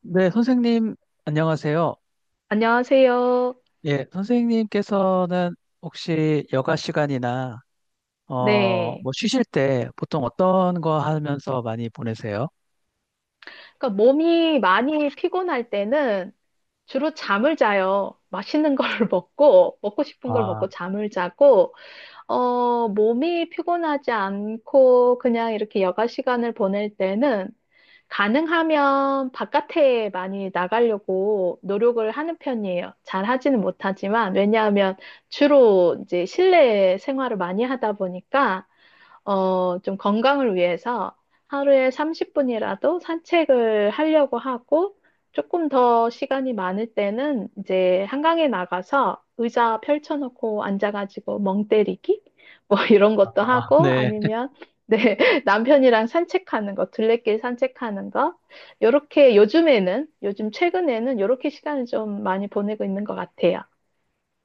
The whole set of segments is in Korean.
네, 선생님, 안녕하세요. 안녕하세요. 예, 선생님께서는 혹시 여가 시간이나, 네. 뭐, 쉬실 때 보통 어떤 거 하면서 많이 보내세요? 그러니까 몸이 많이 피곤할 때는 주로 잠을 자요. 맛있는 걸 먹고, 먹고 싶은 걸 아, 먹고 잠을 자고, 몸이 피곤하지 않고 그냥 이렇게 여가 시간을 보낼 때는 가능하면 바깥에 많이 나가려고 노력을 하는 편이에요. 잘 하지는 못하지만, 왜냐하면 주로 이제 실내 생활을 많이 하다 보니까 좀 건강을 위해서 하루에 30분이라도 산책을 하려고 하고, 조금 더 시간이 많을 때는 이제 한강에 나가서 의자 펼쳐놓고 앉아가지고 멍 때리기? 뭐 이런 것도 아, 하고, 네, 아니면 네, 남편이랑 산책하는 거, 둘레길 산책하는 거. 요렇게 요즘 최근에는 요렇게 시간을 좀 많이 보내고 있는 것 같아요.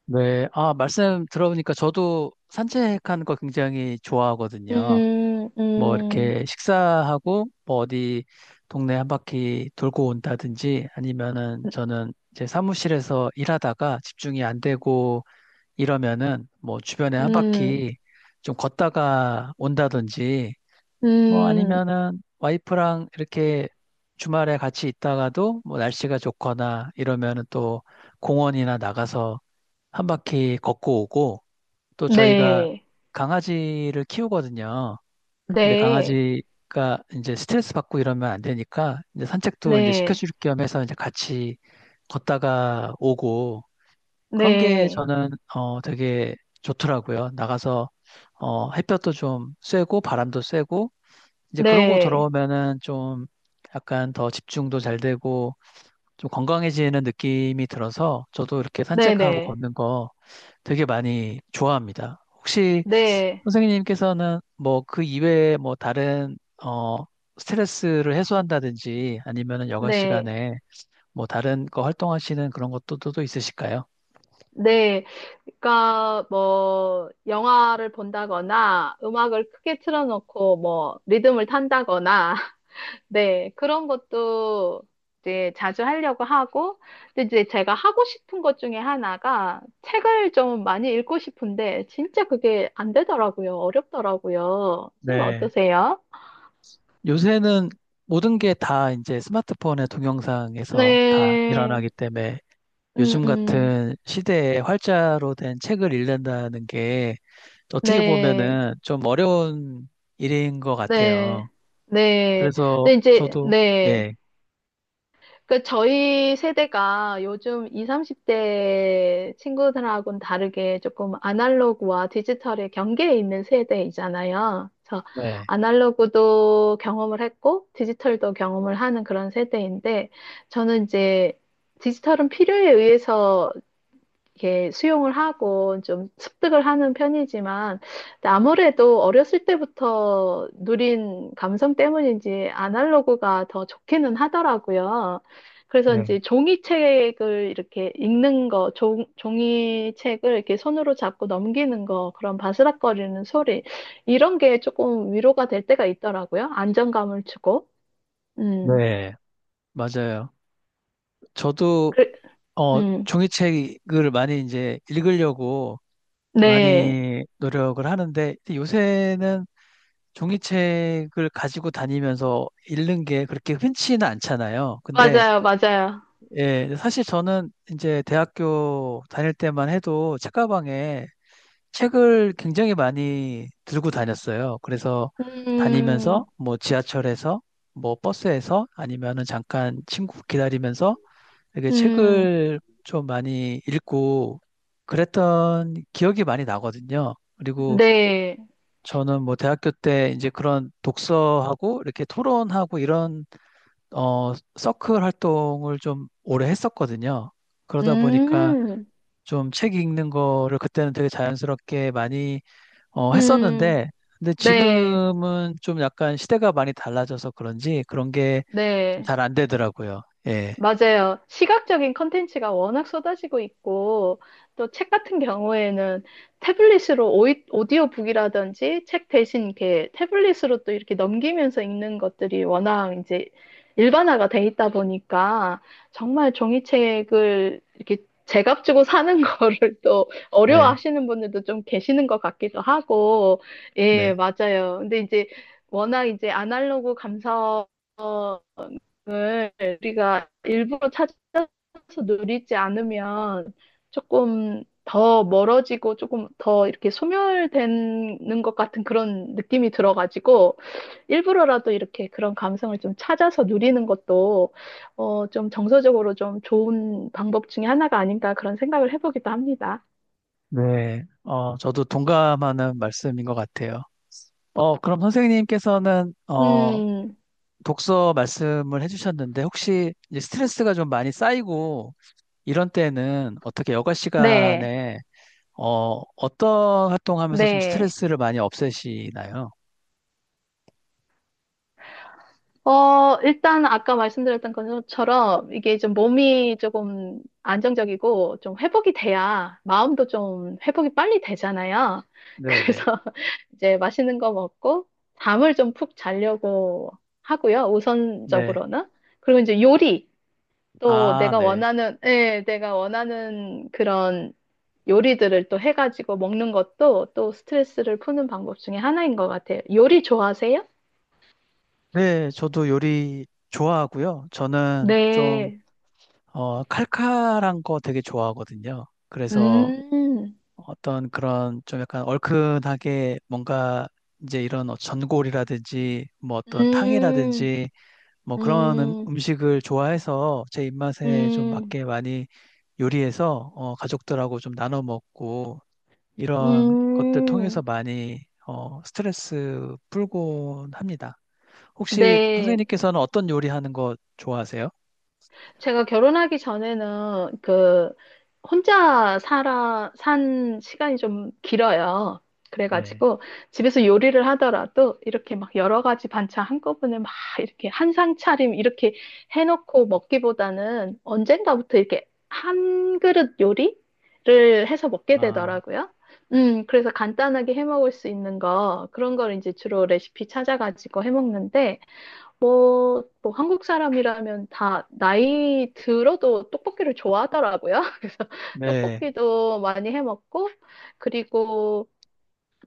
네. 아, 말씀 들어보니까 저도 산책하는 거 굉장히 좋아하거든요. 음, 뭐, 음, 이렇게 식사하고, 뭐, 어디 동네 한 바퀴 돌고 온다든지, 아니면은 저는 제 사무실에서 일하다가 집중이 안 되고, 이러면은 뭐 주변에 한 음, 바퀴 좀 걷다가 온다든지 뭐 음, 아니면은 와이프랑 이렇게 주말에 같이 있다가도 뭐 날씨가 좋거나 이러면은 또 공원이나 나가서 한 바퀴 걷고 오고 또 저희가 네. 강아지를 키우거든요. 근데 네, 강아지가 이제 스트레스 받고 이러면 안 되니까 이제 산책도 이제 네, 시켜줄 겸 해서 이제 같이 걷다가 오고 그런 게 네, 저는 되게 좋더라고요. 나가서 햇볕도 좀 쐬고 바람도 쐬고 이제 그러고 네, 돌아오면은 좀 약간 더 집중도 잘 되고 좀 건강해지는 느낌이 들어서 저도 이렇게 네, 산책하고 네, 걷는 거 되게 많이 좋아합니다. 혹시 네, 선생님께서는 뭐 그 이외에 뭐 다른 어 스트레스를 해소한다든지 아니면은 여가 네, 시간에 뭐 다른 거 활동하시는 그런 것도 또 있으실까요? 네. 그러니까 뭐 영화를 본다거나 음악을 크게 틀어놓고 뭐 리듬을 탄다거나 네, 그런 것도 이제 자주 하려고 하고, 근데 이제 제가 하고 싶은 것 중에 하나가 책을 좀 많이 읽고 싶은데 진짜 그게 안 되더라고요. 어렵더라고요. 선생님 네. 어떠세요? 요새는 모든 게 다 이제 스마트폰의 동영상에서 다 일어나기 네. 때문에 음, 요즘 음. 같은 시대에 활자로 된 책을 읽는다는 게 어떻게 네, 보면은 좀 어려운 일인 것 네, 같아요. 네. 그래서 근데 이제, 저도, 네. 예, 그 저희 세대가 요즘 20, 30대 친구들하고는 다르게 조금 아날로그와 디지털의 경계에 있는 세대이잖아요. 그래서 네, 아날로그도 경험을 했고 디지털도 경험을 하는 그런 세대인데, 저는 이제 디지털은 필요에 의해서 이렇게 수용을 하고 좀 습득을 하는 편이지만, 근데 아무래도 어렸을 때부터 누린 감성 때문인지 아날로그가 더 좋기는 하더라고요. 그래서 네, 이제 종이책을 이렇게 읽는 거, 종이책을 이렇게 손으로 잡고 넘기는 거, 그런 바스락거리는 소리, 이런 게 조금 위로가 될 때가 있더라고요. 안정감을 주고. 음, 네, 맞아요. 저도, 그, 음, 종이책을 많이 이제 읽으려고 네. 많이 노력을 하는데 요새는 종이책을 가지고 다니면서 읽는 게 그렇게 흔치는 않잖아요. 근데 맞아요, 맞아요. 예, 사실 저는 이제 대학교 다닐 때만 해도 책가방에 책을 굉장히 많이 들고 다녔어요. 그래서 다니면서 음, 뭐 지하철에서 뭐 버스에서 아니면은 잠깐 친구 기다리면서 렇게 음. 책을 좀 많이 읽고 그랬던 기억이 많이 나거든요. 그리고 네. 저는 뭐 대학교 때 이제 그런 독서하고 이렇게 토론하고 이런 서클 활동을 좀 오래 했었거든요. 그러다 보니까 음, 좀 책 읽는 거를 그때는 되게 자연스럽게 많이 음, 했었는데 근데 네. 지금은 좀 약간 시대가 많이 달라져서 그런지 그런 게 네. 잘 안 되더라고요. 예. 맞아요. 시각적인 컨텐츠가 워낙 쏟아지고 있고, 또 책 같은 경우에는 태블릿으로 오디오북이라든지 책 대신 이렇게 태블릿으로 또 이렇게 넘기면서 읽는 것들이 워낙 이제 일반화가 돼 있다 보니까 정말 종이책을 이렇게 제값 주고 사는 거를 또 네. 어려워하시는 분들도 좀 계시는 것 같기도 하고, 예, 네. 맞아요. 근데 이제 워낙 이제 아날로그 감성 을 우리가 일부러 찾아서 누리지 않으면 조금 더 멀어지고 조금 더 이렇게 소멸되는 것 같은 그런 느낌이 들어가지고 일부러라도 이렇게 그런 감성을 좀 찾아서 누리는 것도 좀 정서적으로 좀 좋은 방법 중에 하나가 아닌가 그런 생각을 해보기도 합니다. 네. 저도 동감하는 말씀인 것 같아요. 그럼 선생님께서는 음, 독서 말씀을 해주셨는데 혹시 이제 스트레스가 좀 많이 쌓이고 이런 때는 어떻게 여가 네, 시간에 어떤 활동하면서 좀 네. 스트레스를 많이 없애시나요? 일단 아까 말씀드렸던 것처럼 이게 좀 몸이 조금 안정적이고 좀 회복이 돼야 마음도 좀 회복이 빨리 되잖아요. 그래서 네네. 이제 맛있는 거 먹고 잠을 좀 푹 자려고 하고요. 네. 우선적으로는. 그리고 이제 요리. 또 아, 내가 네. 원하는, 예, 내가 원하는 그런 요리들을 또 해가지고 먹는 것도 또 스트레스를 푸는 방법 중에 하나인 것 같아요. 요리 좋아하세요? 네, 저도 요리 좋아하고요. 저는 좀 네. 칼칼한 거 되게 좋아하거든요. 그래서 음. 어떤 그런 좀 약간 얼큰하게 뭔가 이제 이런 전골이라든지 뭐 어떤 음, 탕이라든지 뭐 그런 음, 음식을 좋아해서 제 입맛에 좀 음, 맞게 많이 요리해서 가족들하고 좀 나눠 먹고 이런 것들 통해서 음. 많이 스트레스 풀곤 합니다. 혹시 네. 선생님께서는 어떤 요리 하는 거 좋아하세요? 제가 결혼하기 전에는 그 혼자 살아 산 시간이 좀 길어요. 네. 그래가지고 집에서 요리를 하더라도 이렇게 막 여러 가지 반찬 한꺼번에 막 이렇게 한 상 차림 이렇게 해놓고 먹기보다는 언젠가부터 이렇게 한 그릇 요리를 해서 먹게 아, 되더라고요. 그래서 간단하게 해 먹을 수 있는 거, 그런 걸 이제 주로 레시피 찾아가지고 해 먹는데, 뭐, 뭐 한국 사람이라면 다 나이 들어도 떡볶이를 좋아하더라고요. 그래서 네, 떡볶이도 많이 해 먹고, 그리고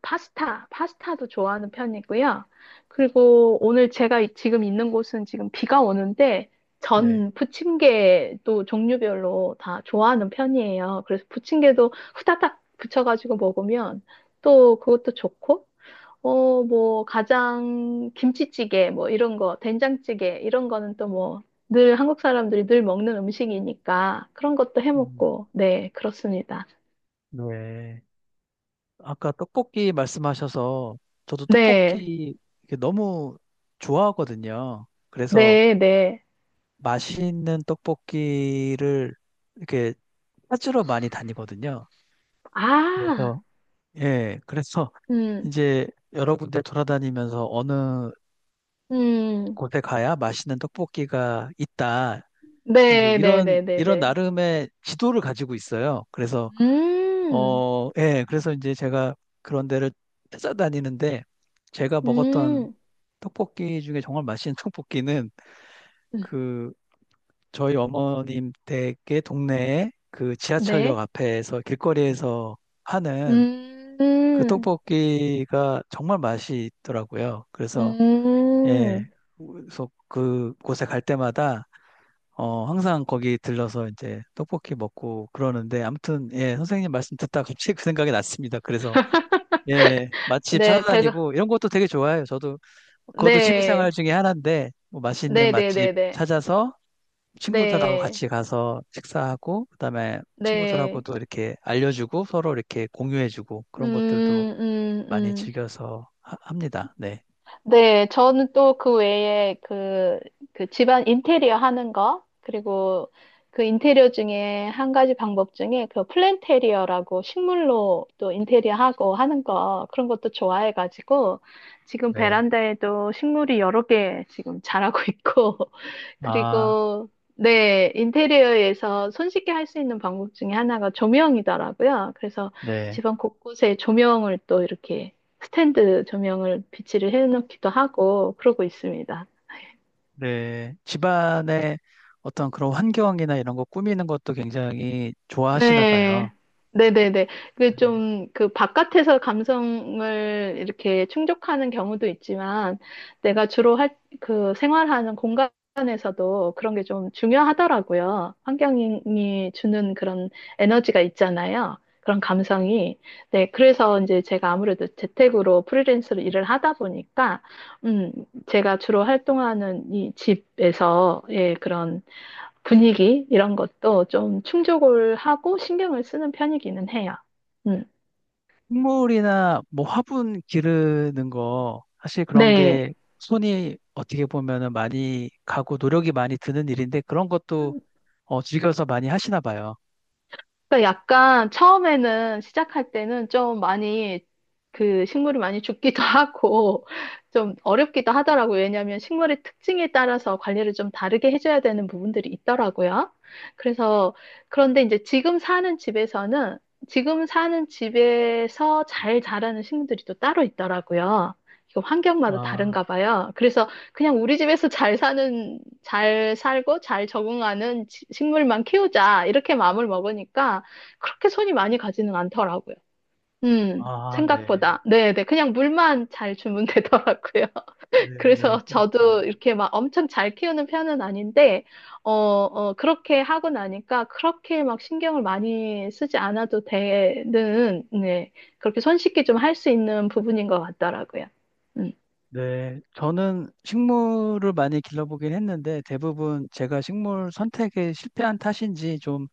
파스타도 좋아하는 편이고요. 그리고 오늘 제가 지금 있는 곳은 지금 비가 오는데 네. 전 부침개도 종류별로 다 좋아하는 편이에요. 그래서 부침개도 후다닥 부쳐가지고 먹으면 또 그것도 좋고, 뭐, 가장 김치찌개 뭐 이런 거, 된장찌개 이런 거는 또 뭐 늘 한국 사람들이 늘 먹는 음식이니까 그런 것도 해 음, 먹고, 네, 그렇습니다. 네. 아까 떡볶이 말씀하셔서 저도 네, 떡볶이 이렇게 너무 좋아하거든요. 그래서 네, 네. 맛있는 떡볶이를 이렇게 찾으러 많이 다니거든요. 아. 그래서, 예, 그래서 음, 이제 여러 군데 돌아다니면서 어느 음, 곳에 가야 맛있는 떡볶이가 있다. 이제 네, 네, 이런, 네, 네, 이런 네. 나름의 지도를 가지고 있어요. 그래서, 음, 예, 그래서 이제 제가 그런 데를 찾아다니는데 제가 먹었던 음, 떡볶이 중에 정말 맛있는 떡볶이는 음, 그 저희 어머님 댁의 동네에 그 지하철역 네, 앞에서 길거리에서 하는 그 음, 떡볶이가 정말 맛이 있더라고요. 그래서 예, 음, 그래서 그 곳에 갈 때마다 항상 거기 들러서 이제 떡볶이 먹고 그러는데 아무튼 예, 선생님 말씀 듣다 갑자기 그 생각이 났습니다. 그래서 예, 맛집 네, 배가, 찾아다니고 이런 것도 되게 좋아해요. 저도 그것도 취미생활 네, 중에 하나인데 뭐 맛있는 네, 네, 맛집 네, 네, 찾아서 친구들하고 네, 같이 가서 식사하고 그다음에 네, 친구들하고도 이렇게 알려주고 서로 이렇게 공유해주고 음, 그런 것들도 음, 많이 음. 즐겨서 합니다. 네. 네, 저는 또 그 외에 그, 그 집안 인테리어 하는 거, 그리고 그 인테리어 중에 한 가지 방법 중에 그 플랜테리어라고 식물로 또 인테리어 하고 하는 거, 그런 것도 좋아해가지고 지금 네. 베란다에도 식물이 여러 개 지금 자라고 있고, 아, 그리고 네, 인테리어에서 손쉽게 할 수 있는 방법 중에 하나가 조명이더라고요. 그래서 네. 집안 곳곳에 조명을 또 이렇게 스탠드 조명을 비치를 해놓기도 하고 그러고 있습니다. 네. 집안의 어떤 그런 환경이나 이런 거 꾸미는 것도 굉장히 좋아하시나 봐요. 네. 네네네. 그 좀, 그 바깥에서 감성을 이렇게 충족하는 경우도 있지만, 내가 주로 할, 그 생활하는 공간에서도 그런 게 좀 중요하더라고요. 환경이 주는 그런 에너지가 있잖아요. 그런 감성이. 네. 그래서 이제 제가 아무래도 재택으로 프리랜서로 일을 하다 보니까, 음, 제가 주로 활동하는 이 집에서, 예, 그런 분위기 이런 것도 좀 충족을 하고 신경을 쓰는 편이기는 해요. 음. 식물이나 뭐 화분 기르는 거 사실 그런 네. 게 손이 어떻게 보면은 많이 가고 노력이 많이 드는 일인데 그런 것도 즐겨서 많이 하시나 봐요. 그러니까 약간 처음에는 시작할 때는 좀 많이 그 식물이 많이 죽기도 하고 좀 어렵기도 하더라고요. 왜냐하면 식물의 특징에 따라서 관리를 좀 다르게 해줘야 되는 부분들이 있더라고요. 그래서 그런데 이제 지금 사는 집에서는 지금 사는 집에서 잘 자라는 식물들이 또 따로 있더라고요. 이거 환경마다 아. 다른가 봐요. 그래서 그냥 우리 집에서 잘 사는, 잘 살고 잘 적응하는 식물만 키우자. 이렇게 마음을 먹으니까 그렇게 손이 많이 가지는 않더라고요. 아, 네. 생각보다. 네네. 그냥 물만 잘 주면 되더라고요. 네. 그래서 그렇구나. 저도 이렇게 막 엄청 잘 키우는 편은 아닌데, 그렇게 하고 나니까 그렇게 막 신경을 많이 쓰지 않아도 되는, 네. 그렇게 손쉽게 좀 할 수 있는 부분인 것 같더라고요. 음. 네. 저는 식물을 많이 길러보긴 했는데 대부분 제가 식물 선택에 실패한 탓인지 좀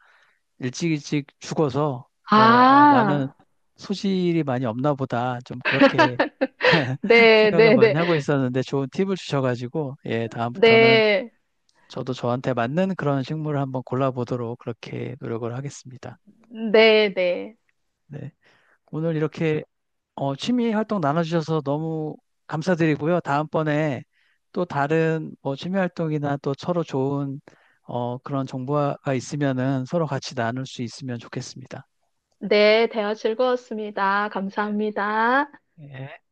일찍 일찍 죽어서 아, 나는 아, 소질이 많이 없나 보다. 좀 그렇게 생각을 네네 네. 네, 많이 하고 있었는데 좋은 팁을 주셔가지고 예, 다음부터는 네 네. 저도 저한테 맞는 그런 식물을 한번 골라보도록 그렇게 노력을 하겠습니다. 네, 네, 네. 네. 오늘 이렇게 취미 활동 나눠주셔서 너무 감사드리고요. 다음번에 또 다른 뭐 취미 활동이나 또 서로 좋은 그런 정보가 있으면은 서로 같이 나눌 수 있으면 좋겠습니다. 네, 대화 즐거웠습니다. 감사합니다. 예.